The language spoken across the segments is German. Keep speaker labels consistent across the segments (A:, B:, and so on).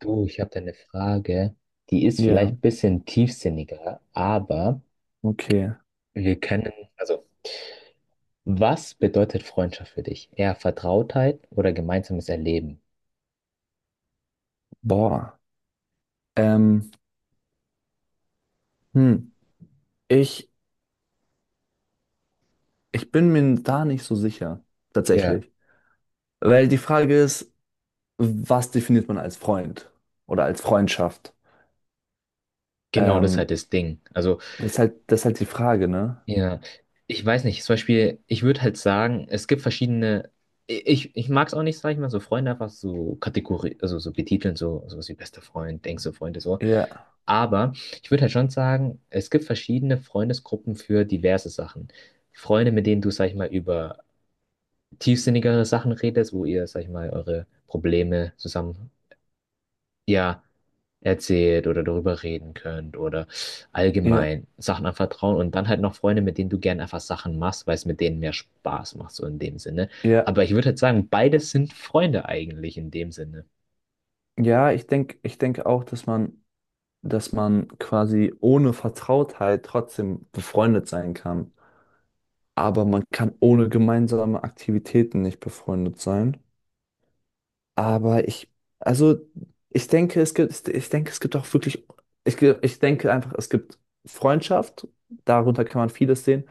A: Du, ich habe da eine Frage, die ist
B: Ja,
A: vielleicht ein bisschen tiefsinniger, aber
B: okay.
A: wir können, also, was bedeutet Freundschaft für dich? Eher Vertrautheit oder gemeinsames Erleben?
B: Boah. Ähm, hm. Ich, ich bin mir da nicht so sicher,
A: Ja,
B: tatsächlich. Weil die Frage ist, was definiert man als Freund oder als Freundschaft?
A: genau, das ist halt
B: Ähm,
A: das Ding. Also,
B: Das ist halt, das ist halt die Frage, ne?
A: ja, ich weiß nicht, zum Beispiel, ich würde halt sagen, es gibt verschiedene, ich mag es auch nicht, sag ich mal, so Freunde einfach so Kategorie, also so betiteln, so wie bester Freund, denkst du, Freunde, so.
B: Ja,
A: Aber ich würde halt schon sagen, es gibt verschiedene Freundesgruppen für diverse Sachen. Freunde, mit denen du, sag ich mal, über tiefsinnigere Sachen redest, wo ihr, sag ich mal, eure Probleme zusammen, ja, erzählt oder darüber reden könnt oder
B: ja,
A: allgemein Sachen anvertrauen. Und dann halt noch Freunde, mit denen du gern einfach Sachen machst, weil es mit denen mehr Spaß macht, so in dem Sinne.
B: ja.
A: Aber ich würde halt sagen, beides sind Freunde eigentlich in dem Sinne.
B: Ja, ich denke auch, dass man quasi ohne Vertrautheit trotzdem befreundet sein kann. Aber man kann ohne gemeinsame Aktivitäten nicht befreundet sein. Aber also ich denke, es gibt, ich denke, es gibt auch wirklich, ich denke einfach, es gibt Freundschaft, darunter kann man vieles sehen,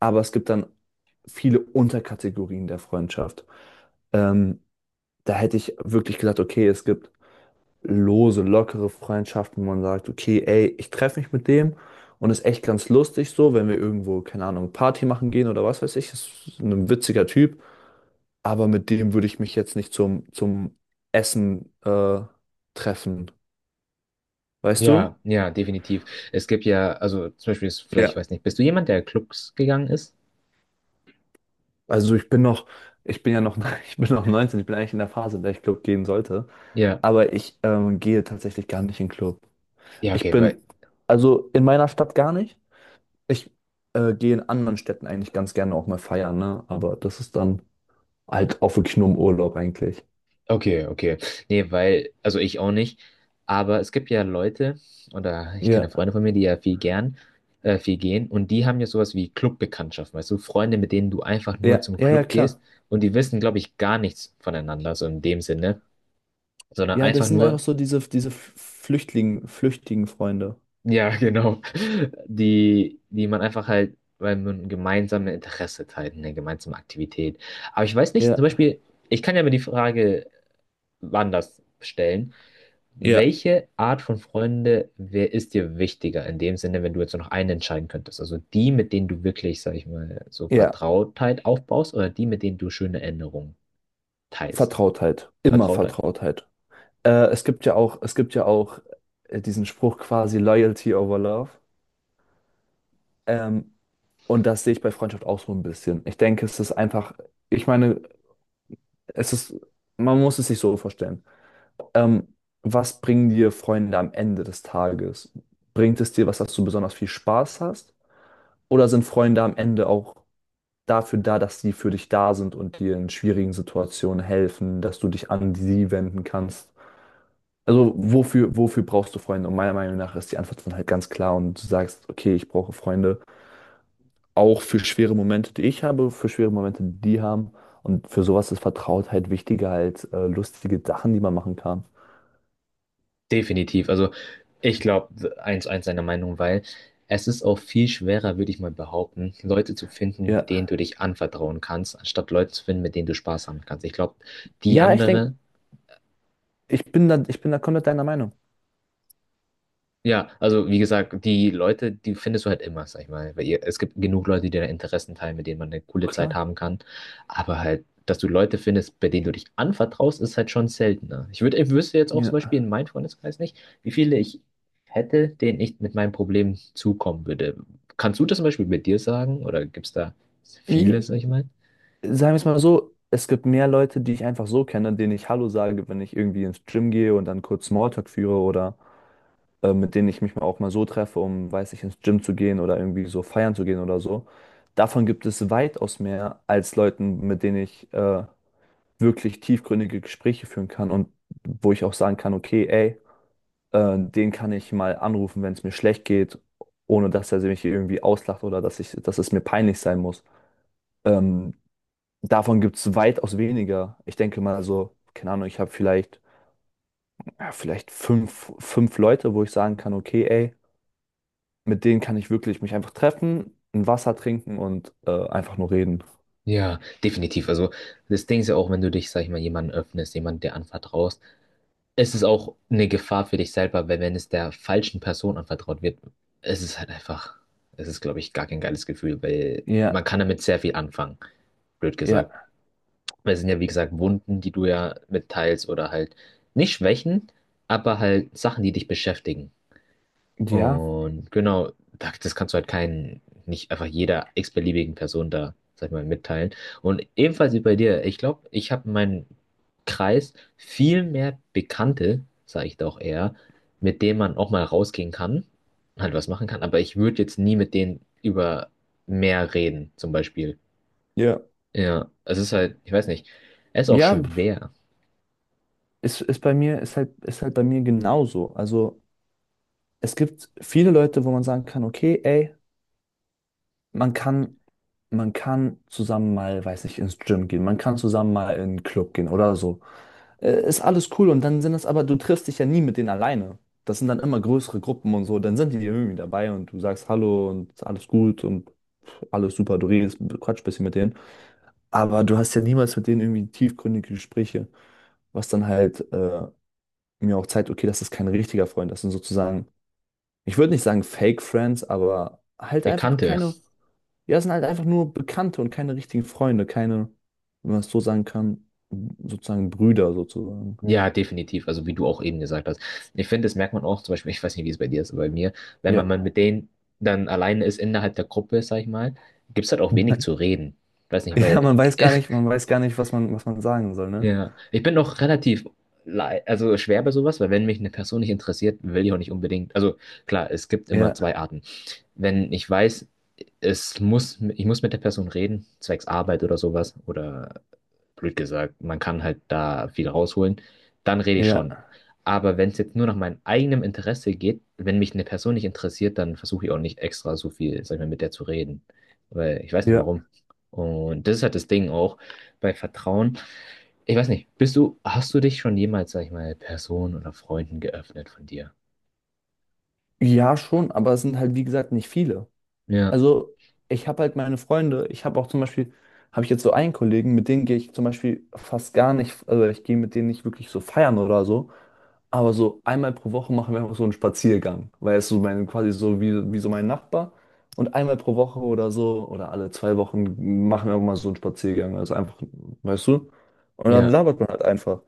B: aber es gibt dann viele Unterkategorien der Freundschaft. Ähm, Da hätte ich wirklich gesagt, okay, es gibt lose, lockere Freundschaften, wo man sagt, okay, ey, ich treffe mich mit dem und ist echt ganz lustig so, wenn wir irgendwo, keine Ahnung, Party machen gehen oder was weiß ich, ist ein witziger Typ, aber mit dem würde ich mich jetzt nicht zum, zum Essen treffen. Weißt du?
A: Ja, ja, definitiv. Es gibt ja, also zum Beispiel, ist, vielleicht
B: Ja.
A: weiß nicht, bist du jemand, der Clubs gegangen ist?
B: Also ich bin noch, ich bin ja noch, ich bin noch 19. Ich bin eigentlich in der Phase, in der ich Club gehen sollte.
A: Ja,
B: Aber ich gehe tatsächlich gar nicht in Club.
A: ja,
B: Ich
A: okay, weil,
B: bin, also in meiner Stadt gar nicht. Ich gehe in anderen Städten eigentlich ganz gerne auch mal feiern, ne? Aber das ist dann halt auch wirklich nur im Urlaub eigentlich.
A: okay, okay. Nee, weil, also ich auch nicht. Aber es gibt ja Leute, oder ich kenne
B: Ja,
A: Freunde von mir, die ja viel gern, viel gehen, und die haben ja sowas wie Clubbekanntschaften, weißt du, Freunde, mit denen du einfach
B: ja,
A: nur zum
B: ja, ja,
A: Club
B: klar.
A: gehst und die wissen, glaube ich, gar nichts voneinander, so in dem Sinne, sondern
B: Ja, das
A: einfach
B: sind einfach
A: nur,
B: so diese flüchtigen Freunde.
A: ja, genau. Die, die man einfach halt, weil man gemeinsame Interesse teilt, eine gemeinsame Aktivität. Aber ich weiß nicht, zum
B: Ja.
A: Beispiel, ich kann ja mir die Frage anders stellen.
B: Ja,
A: Welche Art von Freunde, wer ist dir wichtiger in dem Sinne, wenn du jetzt nur noch einen entscheiden könntest? Also die, mit denen du wirklich, sag ich mal, so
B: ja,
A: Vertrautheit aufbaust oder die, mit denen du schöne Erinnerungen teilst?
B: Vertrautheit. Immer
A: Vertrautheit?
B: Vertrautheit. Es gibt ja auch, diesen Spruch quasi Loyalty over Love. Ähm, und das sehe ich bei Freundschaft auch so ein bisschen. Ich denke, es ist einfach, ich meine, es ist, man muss es sich so vorstellen. Ähm, Was bringen dir Freunde am Ende des Tages? Bringt es dir was, dass du besonders viel Spaß hast? Oder sind Freunde am Ende auch dafür da, dass sie für dich da sind und dir in schwierigen Situationen helfen, dass du dich an sie wenden kannst? Also wofür brauchst du Freunde? Und meiner Meinung nach ist die Antwort dann halt ganz klar und du sagst, okay, ich brauche Freunde auch für schwere Momente, die ich habe, für schwere Momente, die die haben. Und für sowas ist Vertrautheit wichtiger als lustige Sachen, die man machen kann.
A: Definitiv. Also ich glaube 1 eins seiner Meinung, weil es ist auch viel schwerer, würde ich mal behaupten, Leute zu finden, denen
B: Ja.
A: du dich anvertrauen kannst, anstatt Leute zu finden, mit denen du Spaß haben kannst. Ich glaube, die
B: Ja, ich denke,
A: andere.
B: ich bin da komplett deiner Meinung.
A: Ja, also wie gesagt, die Leute, die findest du halt immer, sag ich mal. Weil ihr, es gibt genug Leute, die dir Interessen teilen, mit denen man eine coole Zeit
B: Klar.
A: haben kann. Aber halt, dass du Leute findest, bei denen du dich anvertraust, ist halt schon seltener. Ich wüsste jetzt auch zum Beispiel
B: Ja.
A: in meinem Freundeskreis nicht, wie viele ich hätte, denen ich mit meinem Problem zukommen würde. Kannst du das zum Beispiel mit dir sagen? Oder gibt es da viele,
B: I-
A: sag ich mal?
B: Sagen wir es mal so, es gibt mehr Leute, die ich einfach so kenne, denen ich Hallo sage, wenn ich irgendwie ins Gym gehe und dann kurz Smalltalk führe oder mit denen ich mich mal auch mal so treffe, um, weiß ich, ins Gym zu gehen oder irgendwie so feiern zu gehen oder so. Davon gibt es weitaus mehr als Leuten, mit denen ich wirklich tiefgründige Gespräche führen kann und wo ich auch sagen kann, okay, ey, den kann ich mal anrufen, wenn es mir schlecht geht, ohne dass er mich irgendwie auslacht oder dass es mir peinlich sein muss. Ähm, Davon gibt es weitaus weniger. Ich denke mal so, keine Ahnung, ich habe vielleicht, ja, vielleicht fünf Leute, wo ich sagen kann, okay, ey, mit denen kann ich wirklich mich einfach treffen, ein Wasser trinken und einfach nur reden.
A: Ja, definitiv. Also das Ding ist ja auch, wenn du dich, sag ich mal, jemandem öffnest, jemand der anvertraust, es ist auch eine Gefahr für dich selber, weil wenn es der falschen Person anvertraut wird, es ist halt einfach, es ist, glaube ich, gar kein geiles Gefühl, weil man
B: Ja,
A: kann damit sehr viel anfangen, blöd
B: ja,
A: gesagt. Weil es sind ja, wie gesagt, Wunden, die du ja mitteilst oder halt nicht Schwächen, aber halt Sachen, die dich beschäftigen.
B: ja.
A: Und genau, das kannst du halt keinen, nicht einfach jeder x-beliebigen Person da, sag ich mal, mitteilen. Und ebenfalls wie bei dir, ich glaube, ich habe in meinem Kreis viel mehr Bekannte, sage ich doch eher, mit denen man auch mal rausgehen kann, halt was machen kann, aber ich würde jetzt nie mit denen über mehr reden, zum Beispiel.
B: Ja.
A: Ja, es ist halt, ich weiß nicht, es ist auch
B: Ja,
A: schwer.
B: ist halt bei mir genauso. Also es gibt viele Leute, wo man sagen kann, okay, ey, man kann, man kann zusammen mal, weiß nicht, ins Gym gehen, man kann zusammen mal in einen Club gehen oder so. Ist alles cool, und dann sind das aber, du triffst dich ja nie mit denen alleine. Das sind dann immer größere Gruppen und so, dann sind die irgendwie dabei und du sagst Hallo und alles gut und alles super, du redest, quatsch ein bisschen mit denen. Aber du hast ja niemals mit denen irgendwie tiefgründige Gespräche, was dann halt mir auch zeigt, okay, das ist kein richtiger Freund, das sind sozusagen, ich würde nicht sagen Fake Friends, aber halt einfach
A: Bekannte.
B: keine, ja, es sind halt einfach nur Bekannte und keine richtigen Freunde, keine, wenn man es so sagen kann, sozusagen Brüder sozusagen.
A: Ja, definitiv. Also wie du auch eben gesagt hast. Ich finde, das merkt man auch, zum Beispiel, ich weiß nicht, wie es bei dir ist, aber bei mir, wenn man
B: Ja.
A: mit denen dann alleine ist innerhalb der Gruppe, sag ich mal, gibt es halt auch wenig zu reden. Weiß nicht. Ja.
B: Ja,
A: Weil,
B: man weiß gar nicht, was man sagen soll, ne?
A: ja, ich bin auch relativ, also schwer bei sowas, weil wenn mich eine Person nicht interessiert, will ich auch nicht unbedingt, also klar, es gibt immer zwei
B: Ja,
A: Arten. Wenn ich weiß, ich muss mit der Person reden, zwecks Arbeit oder sowas, oder blöd gesagt, man kann halt da viel rausholen, dann rede ich
B: ja,
A: schon. Aber wenn es jetzt nur nach meinem eigenen Interesse geht, wenn mich eine Person nicht interessiert, dann versuche ich auch nicht extra so viel, sag ich mal, mit der zu reden. Weil ich weiß nicht
B: ja.
A: warum. Und das ist halt das Ding auch bei Vertrauen. Ich weiß nicht, hast du dich schon jemals, sag ich mal, Personen oder Freunden geöffnet von dir?
B: Ja, schon, aber es sind halt, wie gesagt, nicht viele.
A: Ja,
B: Also ich habe halt meine Freunde, ich habe auch zum Beispiel, habe ich jetzt so einen Kollegen, mit denen gehe ich zum Beispiel fast gar nicht, also ich gehe mit denen nicht wirklich so feiern oder so, aber so einmal pro Woche machen wir einfach so einen Spaziergang, weil es so mein, quasi so wie, wie so mein Nachbar, und einmal pro Woche oder so oder alle 2 Wochen machen wir auch mal so einen Spaziergang, also einfach, weißt du, und dann
A: ja.
B: labert man halt einfach.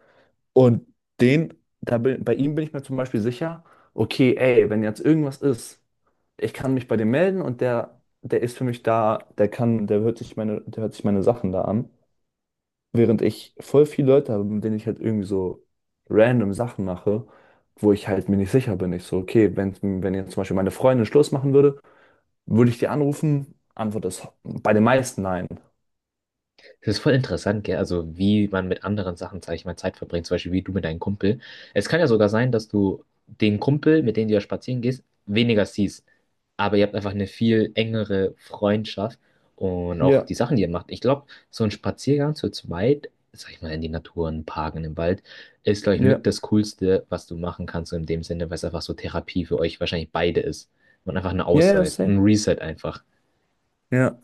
B: Und den, bei ihm bin ich mir zum Beispiel sicher, okay, ey, wenn jetzt irgendwas ist, ich kann mich bei dem melden und der ist für mich da, der hört sich meine, der hört sich meine Sachen da an. Während ich voll viele Leute habe, mit denen ich halt irgendwie so random Sachen mache, wo ich halt mir nicht sicher bin. Ich so, okay, wenn jetzt zum Beispiel meine Freundin Schluss machen würde, würde ich die anrufen? Antwort ist bei den meisten nein.
A: Das ist voll interessant, gell? Also wie man mit anderen Sachen, sag ich mal, Zeit verbringt, zum Beispiel wie du mit deinem Kumpel. Es kann ja sogar sein, dass du den Kumpel, mit dem du ja spazieren gehst, weniger siehst. Aber ihr habt einfach eine viel engere Freundschaft und auch
B: Ja,
A: die Sachen, die ihr macht. Ich glaube, so ein Spaziergang zu zweit, sag ich mal, in die Natur, in den Park, in den Wald, ist, glaube ich,
B: ja,
A: mit das Coolste, was du machen kannst, so in dem Sinne, weil es einfach so Therapie für euch wahrscheinlich beide ist. Und einfach eine
B: ja, ja,
A: Auszeit,
B: safe.
A: ein Reset einfach.
B: Ja,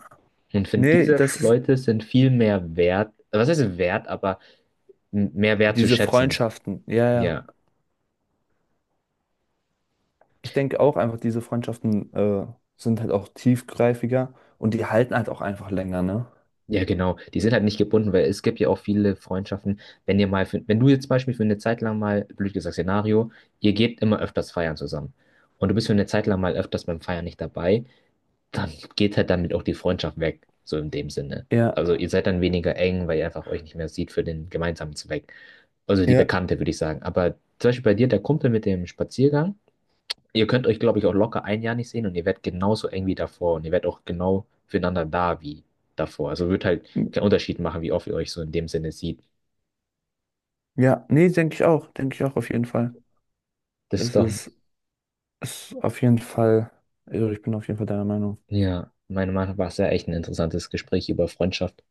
A: Und ich finde,
B: nee,
A: diese
B: das ist
A: Leute sind viel mehr wert, was heißt wert, aber mehr wert zu
B: diese
A: schätzen.
B: Freundschaften. Ja, ja.
A: Ja,
B: Ich denke auch einfach, diese Freundschaften sind halt auch tiefgreifiger und die halten halt auch einfach länger, ne?
A: ja, genau. Die sind halt nicht gebunden, weil es gibt ja auch viele Freundschaften. Wenn du jetzt zum Beispiel für eine Zeit lang mal, blöd gesagt, Szenario, ihr geht immer öfters feiern zusammen und du bist für eine Zeit lang mal öfters beim Feiern nicht dabei, dann geht halt damit auch die Freundschaft weg, so in dem Sinne.
B: Ja,
A: Also ihr seid dann weniger eng, weil ihr einfach euch nicht mehr sieht für den gemeinsamen Zweck. Also die
B: ja,
A: Bekannte, würde ich sagen. Aber zum Beispiel bei dir, der Kumpel mit dem Spaziergang, ihr könnt euch, glaube ich, auch locker ein Jahr nicht sehen und ihr werdet genauso eng wie davor und ihr werdet auch genau füreinander da wie davor. Also wird halt
B: m-
A: keinen Unterschied machen, wie oft ihr euch so in dem Sinne sieht.
B: ja, nee, denke ich auch auf jeden Fall.
A: Das ist
B: Es
A: doch,
B: ist, Es ist auf jeden Fall, also ich bin auf jeden Fall deiner Meinung.
A: ja, meiner Meinung nach war es ja echt ein interessantes Gespräch über Freundschaft.